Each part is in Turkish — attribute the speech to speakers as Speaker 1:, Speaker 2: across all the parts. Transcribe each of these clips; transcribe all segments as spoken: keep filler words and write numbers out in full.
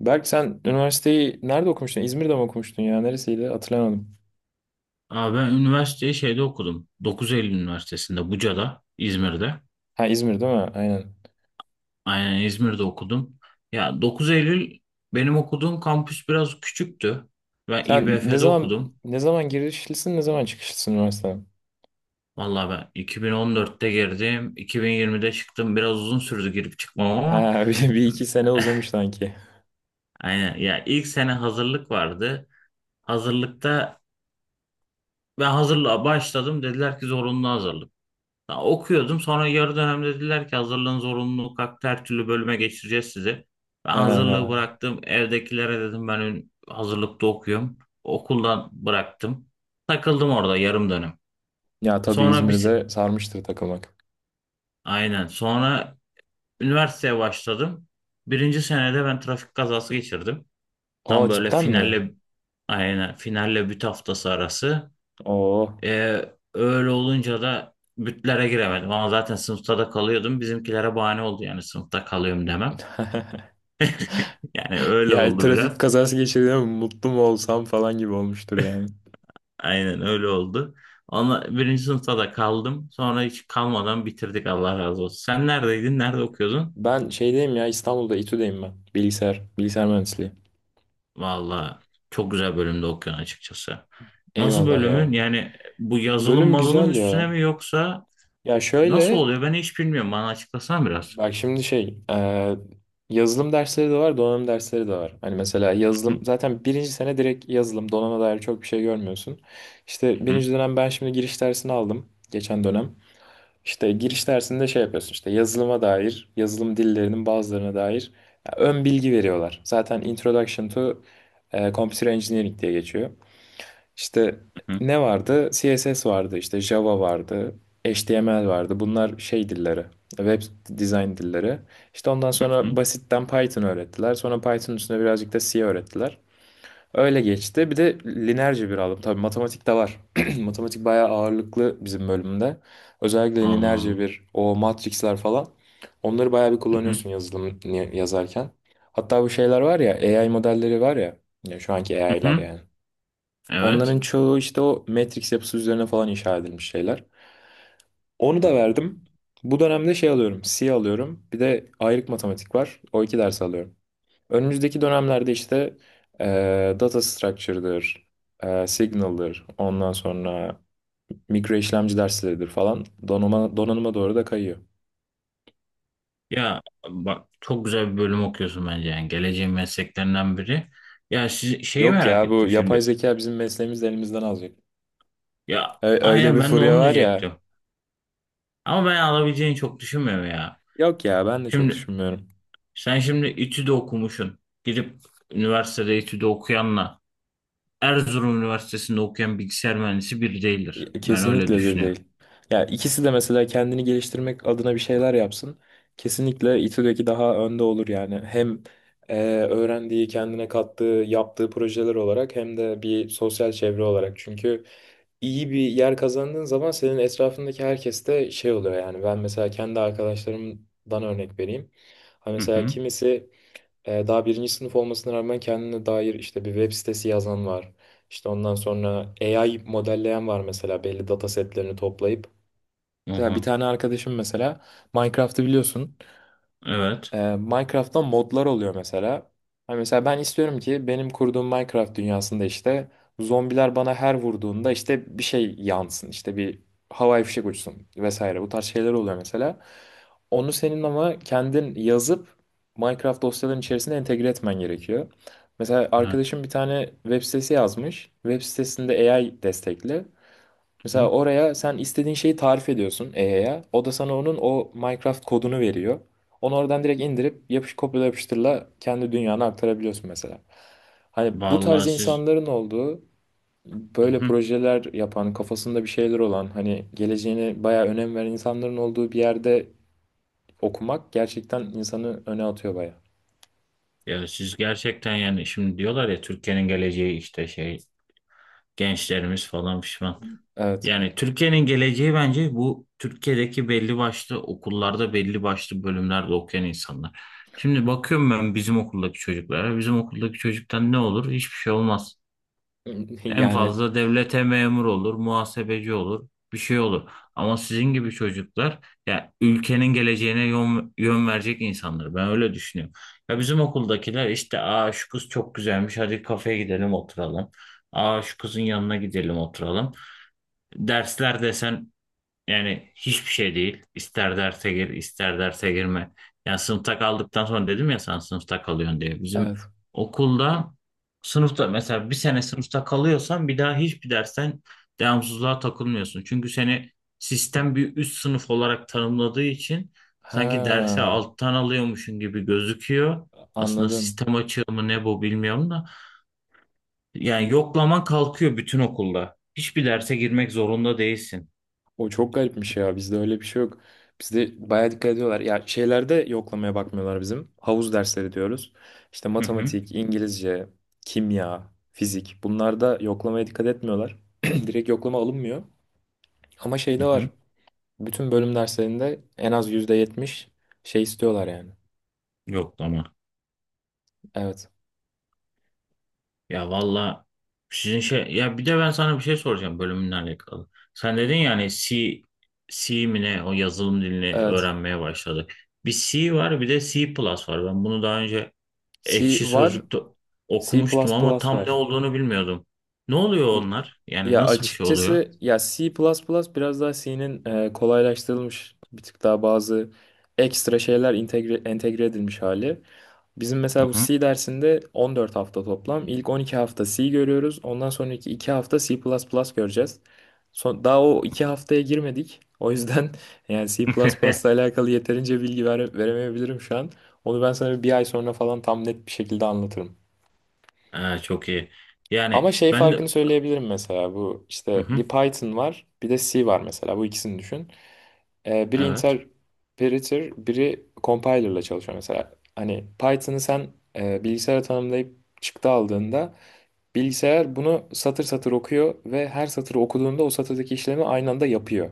Speaker 1: Berk, sen üniversiteyi nerede okumuştun? İzmir'de mi okumuştun ya? Neresiydi? Hatırlamadım.
Speaker 2: Abi ben üniversiteyi şeyde okudum. dokuz Eylül Üniversitesi'nde Buca'da, İzmir'de.
Speaker 1: Ha, İzmir değil mi? Aynen.
Speaker 2: Aynen İzmir'de okudum. Ya dokuz Eylül benim okuduğum kampüs biraz küçüktü. Ben
Speaker 1: Sen ne
Speaker 2: İBF'de
Speaker 1: zaman
Speaker 2: okudum.
Speaker 1: ne zaman girişlisin, ne zaman çıkışlısın üniversiteden?
Speaker 2: Vallahi ben iki bin on dörtte girdim, iki bin yirmide çıktım. Biraz uzun sürdü girip çıkmam ama
Speaker 1: Ha, bir, bir iki sene uzamış sanki.
Speaker 2: aynen ya ilk sene hazırlık vardı. Hazırlıkta ben hazırlığa başladım, dediler ki zorunlu hazırlık. Ya okuyordum, sonra yarı dönem dediler ki hazırlığın zorunluluğu kalktı, her türlü bölüme geçireceğiz sizi. Ben hazırlığı
Speaker 1: Ha.
Speaker 2: bıraktım, evdekilere dedim ben ün- hazırlıkta okuyorum. Okuldan bıraktım. Takıldım orada yarım dönem.
Speaker 1: Ya tabii
Speaker 2: Sonra bir,
Speaker 1: İzmir'de sarmıştır takılmak.
Speaker 2: aynen, sonra üniversiteye başladım. Birinci senede ben trafik kazası geçirdim.
Speaker 1: Aa,
Speaker 2: Tam böyle
Speaker 1: cidden mi?
Speaker 2: finalle aynen finalle büt haftası arası.
Speaker 1: Oo.
Speaker 2: Ee, Öyle olunca da bütlere giremedim ama zaten sınıfta da kalıyordum. Bizimkilere bahane oldu yani sınıfta kalıyorum demem. Yani öyle
Speaker 1: Ya,
Speaker 2: oldu
Speaker 1: trafik
Speaker 2: biraz.
Speaker 1: kazası geçirdim, mutlu mu olsam falan gibi olmuştur yani.
Speaker 2: Aynen öyle oldu. Ama birinci sınıfta da kaldım. Sonra hiç kalmadan bitirdik, Allah razı olsun. Sen neredeydin? Nerede okuyordun?
Speaker 1: Ben şeydeyim ya, İstanbul'da, İTÜ'deyim ben. Bilgisayar, bilgisayar mühendisliği.
Speaker 2: Valla çok güzel bölümde okuyorsun açıkçası. Nasıl
Speaker 1: Eyvallah
Speaker 2: bölümün?
Speaker 1: ya.
Speaker 2: Yani bu yazılım
Speaker 1: Bölüm
Speaker 2: mazılım
Speaker 1: güzel
Speaker 2: üstüne
Speaker 1: ya.
Speaker 2: mi, yoksa
Speaker 1: Ya
Speaker 2: nasıl
Speaker 1: şöyle,
Speaker 2: oluyor? Ben hiç bilmiyorum. Bana açıklasan biraz.
Speaker 1: bak şimdi şey, e, yazılım dersleri de var, donanım dersleri de var. Hani mesela
Speaker 2: Hı
Speaker 1: yazılım, zaten birinci sene direkt yazılım, donanıma dair çok bir şey görmüyorsun. İşte
Speaker 2: hı.
Speaker 1: birinci dönem ben şimdi giriş dersini aldım, geçen dönem. İşte giriş dersinde şey yapıyorsun, işte yazılıma dair, yazılım dillerinin bazılarına dair ya, ön bilgi veriyorlar. Zaten Introduction to e, Computer Engineering diye geçiyor. İşte
Speaker 2: Hı
Speaker 1: ne vardı? C S S vardı, işte Java vardı, H T M L vardı. Bunlar şey dilleri, web design dilleri. İşte ondan
Speaker 2: hı.
Speaker 1: sonra basitten Python öğrettiler. Sonra Python üstüne birazcık da C öğrettiler. Öyle geçti. Bir de linerci bir aldım. Tabii matematik de var. Matematik bayağı ağırlıklı bizim bölümde. Özellikle
Speaker 2: Allah
Speaker 1: linerci
Speaker 2: Allah.
Speaker 1: bir, o matrixler falan. Onları bayağı bir
Speaker 2: Hı hı
Speaker 1: kullanıyorsun yazılım yazarken. Hatta bu şeyler var ya, A I modelleri var ya. Ya, şu anki
Speaker 2: hı.
Speaker 1: A I'lar
Speaker 2: Hı.
Speaker 1: yani.
Speaker 2: Evet.
Speaker 1: Onların çoğu işte o Matrix yapısı üzerine falan inşa edilmiş şeyler. Onu da
Speaker 2: Anladım.
Speaker 1: verdim. Bu dönemde şey alıyorum, C alıyorum. Bir de ayrık matematik var. O iki ders alıyorum. Önümüzdeki dönemlerde işte eee, data structure'dır, eee, signal'dır, ondan sonra mikro işlemci dersleridir falan, donanıma, donanıma doğru da kayıyor.
Speaker 2: Ya bak, çok güzel bir bölüm okuyorsun bence, yani geleceğin mesleklerinden biri. Ya siz, şeyi
Speaker 1: Yok
Speaker 2: merak
Speaker 1: ya, bu
Speaker 2: ettim
Speaker 1: yapay
Speaker 2: şimdi.
Speaker 1: zeka bizim mesleğimizi de elimizden alacak.
Speaker 2: Ya
Speaker 1: Ö- Öyle
Speaker 2: aynen,
Speaker 1: bir
Speaker 2: ben de
Speaker 1: furya
Speaker 2: onu
Speaker 1: var
Speaker 2: diyecektim.
Speaker 1: ya.
Speaker 2: Ama ben alabileceğini çok düşünmüyorum ya.
Speaker 1: Yok ya, ben de çok
Speaker 2: Şimdi
Speaker 1: düşünmüyorum.
Speaker 2: sen şimdi İTÜ'de okumuşsun. Gidip üniversitede İTÜ'de okuyanla Erzurum Üniversitesi'nde okuyan bilgisayar mühendisi bir
Speaker 1: Ya,
Speaker 2: değildir. Ben öyle
Speaker 1: kesinlikle bir
Speaker 2: düşünüyorum.
Speaker 1: değil. Ya, ikisi de mesela kendini geliştirmek adına bir şeyler yapsın. Kesinlikle İTÜ'deki daha önde olur yani. Hem e, öğrendiği, kendine kattığı, yaptığı projeler olarak hem de bir sosyal çevre olarak. Çünkü iyi bir yer kazandığın zaman senin etrafındaki herkes de şey oluyor yani. Ben mesela kendi arkadaşlarımdan örnek vereyim. Ha,
Speaker 2: Hı
Speaker 1: mesela
Speaker 2: hı.
Speaker 1: kimisi e, daha birinci sınıf olmasına rağmen kendine dair işte bir web sitesi yazan var. İşte ondan sonra A I modelleyen var mesela, belli data setlerini toplayıp.
Speaker 2: Hı
Speaker 1: Mesela bir
Speaker 2: hı.
Speaker 1: tane arkadaşım mesela Minecraft'ı biliyorsun.
Speaker 2: Evet.
Speaker 1: Ee, Minecraft'ta modlar oluyor mesela. Hani mesela ben istiyorum ki benim kurduğum Minecraft dünyasında işte zombiler bana her vurduğunda işte bir şey yansın, işte bir havai fişek uçsun vesaire. Bu tarz şeyler oluyor mesela. Onu senin ama kendin yazıp Minecraft dosyaların içerisine entegre etmen gerekiyor. Mesela
Speaker 2: Evet.
Speaker 1: arkadaşım bir tane web sitesi yazmış. Web sitesinde A I destekli.
Speaker 2: Hı.
Speaker 1: Mesela oraya sen istediğin şeyi tarif ediyorsun E A'ya. O da sana onun o Minecraft kodunu veriyor. Onu oradan direkt indirip yapış kopyala yapıştırla kendi dünyana aktarabiliyorsun mesela. Hani bu tarz
Speaker 2: Vallahi siz.
Speaker 1: insanların olduğu,
Speaker 2: Hı
Speaker 1: böyle
Speaker 2: hı.
Speaker 1: projeler yapan, kafasında bir şeyler olan, hani geleceğine bayağı önem veren insanların olduğu bir yerde okumak gerçekten insanı öne atıyor bayağı.
Speaker 2: Ya siz gerçekten, yani şimdi diyorlar ya, Türkiye'nin geleceği işte şey, gençlerimiz falan pişman.
Speaker 1: Evet.
Speaker 2: Yani Türkiye'nin geleceği bence bu Türkiye'deki belli başlı okullarda belli başlı bölümlerde okuyan insanlar. Şimdi bakıyorum ben bizim okuldaki çocuklara. Bizim okuldaki çocuktan ne olur? Hiçbir şey olmaz. En
Speaker 1: Yani
Speaker 2: fazla devlete memur olur, muhasebeci olur, bir şey olur. Ama sizin gibi çocuklar ya ülkenin geleceğine yön, yön verecek insanlar. Ben öyle düşünüyorum. Ya bizim okuldakiler işte, aa şu kız çok güzelmiş, hadi kafeye gidelim oturalım. Aa şu kızın yanına gidelim oturalım. Dersler desen yani hiçbir şey değil. İster derse gir, ister derse girme. Yani sınıfta kaldıktan sonra, dedim ya sen sınıfta kalıyorsun diye. Bizim
Speaker 1: evet.
Speaker 2: okulda sınıfta mesela bir sene sınıfta kalıyorsan, bir daha hiçbir dersten devamsızlığa takılmıyorsun. Çünkü seni sistem bir üst sınıf olarak tanımladığı için sanki derse
Speaker 1: Ha,
Speaker 2: alttan alıyormuşsun gibi gözüküyor. Aslında
Speaker 1: anladım.
Speaker 2: sistem açığı mı ne, bu bilmiyorum da. Yani yoklaman kalkıyor bütün okulda. Hiçbir derse girmek zorunda değilsin.
Speaker 1: O çok garipmiş ya. Bizde öyle bir şey yok. Bizde bayağı dikkat ediyorlar. Ya, şeylerde yoklamaya bakmıyorlar bizim. Havuz dersleri diyoruz. İşte
Speaker 2: Hı hı.
Speaker 1: matematik, İngilizce, kimya, fizik. Bunlarda yoklamaya dikkat etmiyorlar. Direkt yoklama alınmıyor. Ama
Speaker 2: Hı
Speaker 1: şeyde var.
Speaker 2: hı.
Speaker 1: Bütün bölüm derslerinde en az yüzde yetmiş şey istiyorlar yani.
Speaker 2: Yok ama.
Speaker 1: Evet.
Speaker 2: Ya valla sizin şey, ya bir de ben sana bir şey soracağım bölümünle alakalı. Sen dedin ya hani C, C mi ne o yazılım dilini
Speaker 1: Evet.
Speaker 2: öğrenmeye başladık. Bir C var, bir de C plus var. Ben bunu daha önce
Speaker 1: C
Speaker 2: Ekşi
Speaker 1: var.
Speaker 2: Sözlük'te
Speaker 1: C++
Speaker 2: okumuştum ama tam
Speaker 1: var.
Speaker 2: ne olduğunu bilmiyordum. Ne oluyor
Speaker 1: Y-
Speaker 2: onlar? Yani
Speaker 1: Ya,
Speaker 2: nasıl bir şey oluyor?
Speaker 1: açıkçası ya C++ biraz daha C'nin e, kolaylaştırılmış, bir tık daha bazı ekstra şeyler entegre, entegre edilmiş hali. Bizim
Speaker 2: Hı
Speaker 1: mesela bu
Speaker 2: hı.
Speaker 1: C dersinde on dört hafta toplam. İlk on iki hafta C görüyoruz. Ondan sonraki iki hafta C++ göreceğiz. Son, daha o iki haftaya girmedik. O yüzden yani C++ ile alakalı yeterince bilgi vere- veremeyebilirim şu an. Onu ben sana bir ay sonra falan tam net bir şekilde anlatırım.
Speaker 2: Ha, çok iyi. Yani
Speaker 1: Ama şey
Speaker 2: ben de.
Speaker 1: farkını söyleyebilirim mesela, bu
Speaker 2: Hı
Speaker 1: işte
Speaker 2: hı,
Speaker 1: bir Python var bir de C var mesela, bu ikisini düşün. Ee, biri
Speaker 2: evet.
Speaker 1: interpreter biri compiler'la çalışıyor mesela. Hani Python'ı sen e, bilgisayara tanımlayıp çıktı aldığında bilgisayar bunu satır satır okuyor ve her satırı okuduğunda o satırdaki işlemi aynı anda yapıyor.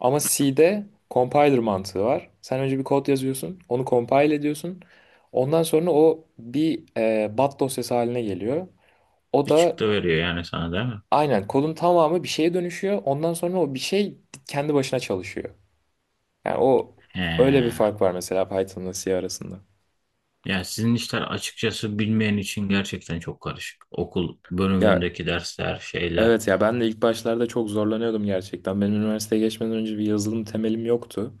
Speaker 1: Ama C'de compiler mantığı var. Sen önce bir kod yazıyorsun, onu compile ediyorsun. Ondan sonra o bir e, bat dosyası haline geliyor. O
Speaker 2: Bir
Speaker 1: da
Speaker 2: çıktı veriyor yani sana, değil mi?
Speaker 1: aynen, kodun tamamı bir şeye dönüşüyor. Ondan sonra o bir şey kendi başına çalışıyor. Yani o, öyle bir
Speaker 2: He.
Speaker 1: fark var mesela Python'la C arasında.
Speaker 2: Yani sizin işler açıkçası bilmeyen için gerçekten çok karışık. Okul
Speaker 1: Ya
Speaker 2: bölümündeki dersler, şeyler.
Speaker 1: evet, ya ben de ilk başlarda çok zorlanıyordum gerçekten. Benim üniversiteye geçmeden önce bir yazılım temelim yoktu.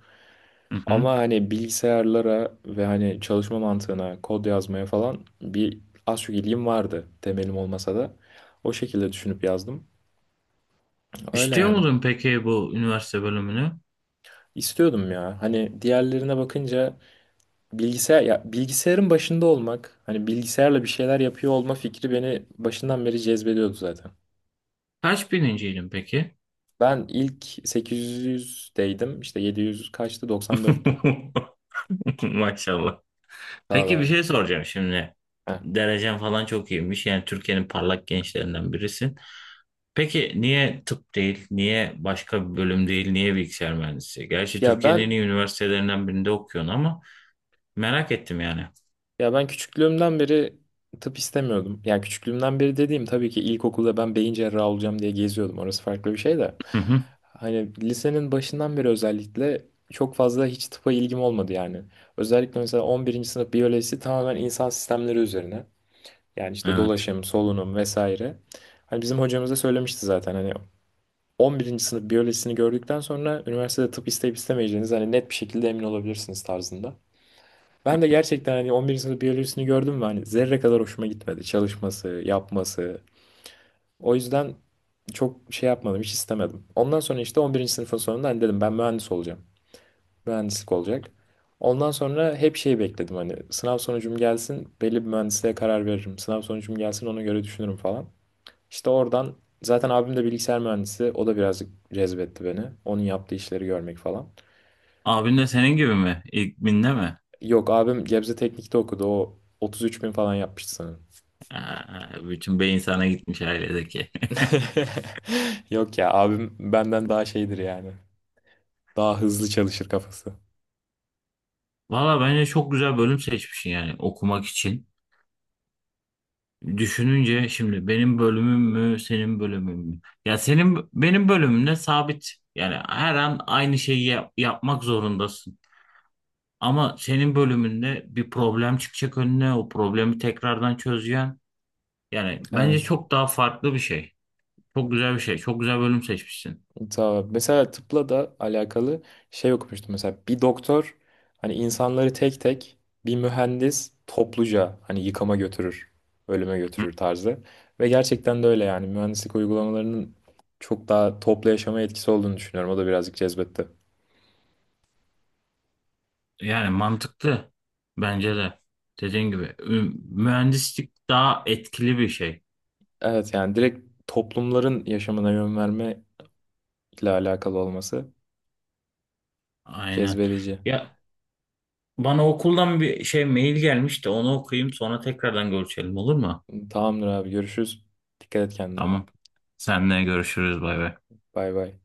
Speaker 2: Hı hı.
Speaker 1: Ama hani bilgisayarlara ve hani çalışma mantığına, kod yazmaya falan bir az çok ilgim vardı, temelim olmasa da. O şekilde düşünüp yazdım. Öyle
Speaker 2: İstiyor
Speaker 1: yani.
Speaker 2: muydun peki bu üniversite bölümünü?
Speaker 1: İstiyordum ya. Hani diğerlerine bakınca bilgisayar, ya bilgisayarın başında olmak, hani bilgisayarla bir şeyler yapıyor olma fikri beni başından beri cezbediyordu zaten.
Speaker 2: Kaç birinciydin peki?
Speaker 1: Ben ilk sekiz yüzdeydim. İşte yedi yüz kaçtı? doksan dörttü.
Speaker 2: Maşallah.
Speaker 1: Daha
Speaker 2: Peki bir
Speaker 1: da.
Speaker 2: şey soracağım şimdi.
Speaker 1: Heh.
Speaker 2: Derecen falan çok iyiymiş. Yani Türkiye'nin parlak gençlerinden birisin. Peki niye tıp değil, niye başka bir bölüm değil, niye bilgisayar mühendisi? Gerçi
Speaker 1: Ya
Speaker 2: Türkiye'nin en
Speaker 1: ben
Speaker 2: iyi üniversitelerinden birinde okuyorsun ama merak ettim yani.
Speaker 1: ya ben küçüklüğümden beri tıp istemiyordum. Yani küçüklüğümden beri dediğim tabii ki ilkokulda ben beyin cerrahı olacağım diye geziyordum. Orası farklı bir şey de.
Speaker 2: Hı hı.
Speaker 1: Hani lisenin başından beri özellikle çok fazla hiç tıpa ilgim olmadı yani. Özellikle mesela on birinci sınıf biyolojisi tamamen insan sistemleri üzerine. Yani işte
Speaker 2: Evet.
Speaker 1: dolaşım, solunum vesaire. Hani bizim hocamız da söylemişti zaten, hani on birinci sınıf biyolojisini gördükten sonra üniversitede tıp isteyip istemeyeceğiniz hani net bir şekilde emin olabilirsiniz tarzında. Ben de gerçekten hani on birinci sınıf biyolojisini gördüm ve hani zerre kadar hoşuma gitmedi. Çalışması, yapması. O yüzden çok şey yapmadım, hiç istemedim. Ondan sonra işte on birinci sınıfın sonunda hani dedim ben mühendis olacağım. Mühendislik olacak. Ondan sonra hep şey bekledim hani, sınav sonucum gelsin belli bir mühendisliğe karar veririm. Sınav sonucum gelsin ona göre düşünürüm falan. İşte oradan zaten abim de bilgisayar mühendisi. O da birazcık cezbetti beni, onun yaptığı işleri görmek falan.
Speaker 2: Abin de senin gibi mi? İlk binde mi?
Speaker 1: Yok, abim Gebze Teknik'te okudu. O otuz üç bin falan yapmıştı sanırım.
Speaker 2: Aa, bütün beyin sana gitmiş ailedeki.
Speaker 1: Yok ya, abim benden daha şeydir yani. Daha hızlı çalışır kafası.
Speaker 2: Valla bence çok güzel bölüm seçmişsin yani okumak için. Düşününce şimdi benim bölümüm mü, senin bölümün mü? Ya senin, benim bölümümde sabit. Yani her an aynı şeyi yap- yapmak zorundasın. Ama senin bölümünde bir problem çıkacak önüne, o problemi tekrardan çözeceksin. Yani bence
Speaker 1: Evet.
Speaker 2: çok daha farklı bir şey. Çok güzel bir şey. Çok güzel bölüm seçmişsin.
Speaker 1: Tamam. Mesela tıpla da alakalı şey okumuştum. Mesela bir doktor hani insanları tek tek, bir mühendis topluca hani yıkama götürür, ölüme götürür tarzı. Ve gerçekten de öyle yani, mühendislik uygulamalarının çok daha toplu yaşama etkisi olduğunu düşünüyorum. O da birazcık cezbetti.
Speaker 2: Yani mantıklı bence de. Dediğin gibi ü- mühendislik daha etkili bir şey.
Speaker 1: Evet yani direkt toplumların yaşamına yön verme ile alakalı olması
Speaker 2: Aynen.
Speaker 1: cezbedici.
Speaker 2: Ya bana okuldan bir şey mail gelmiş de onu okuyayım, sonra tekrardan görüşelim, olur mu?
Speaker 1: Tamamdır abi, görüşürüz. Dikkat et kendine.
Speaker 2: Tamam. Seninle görüşürüz, bay bay.
Speaker 1: Bay bay.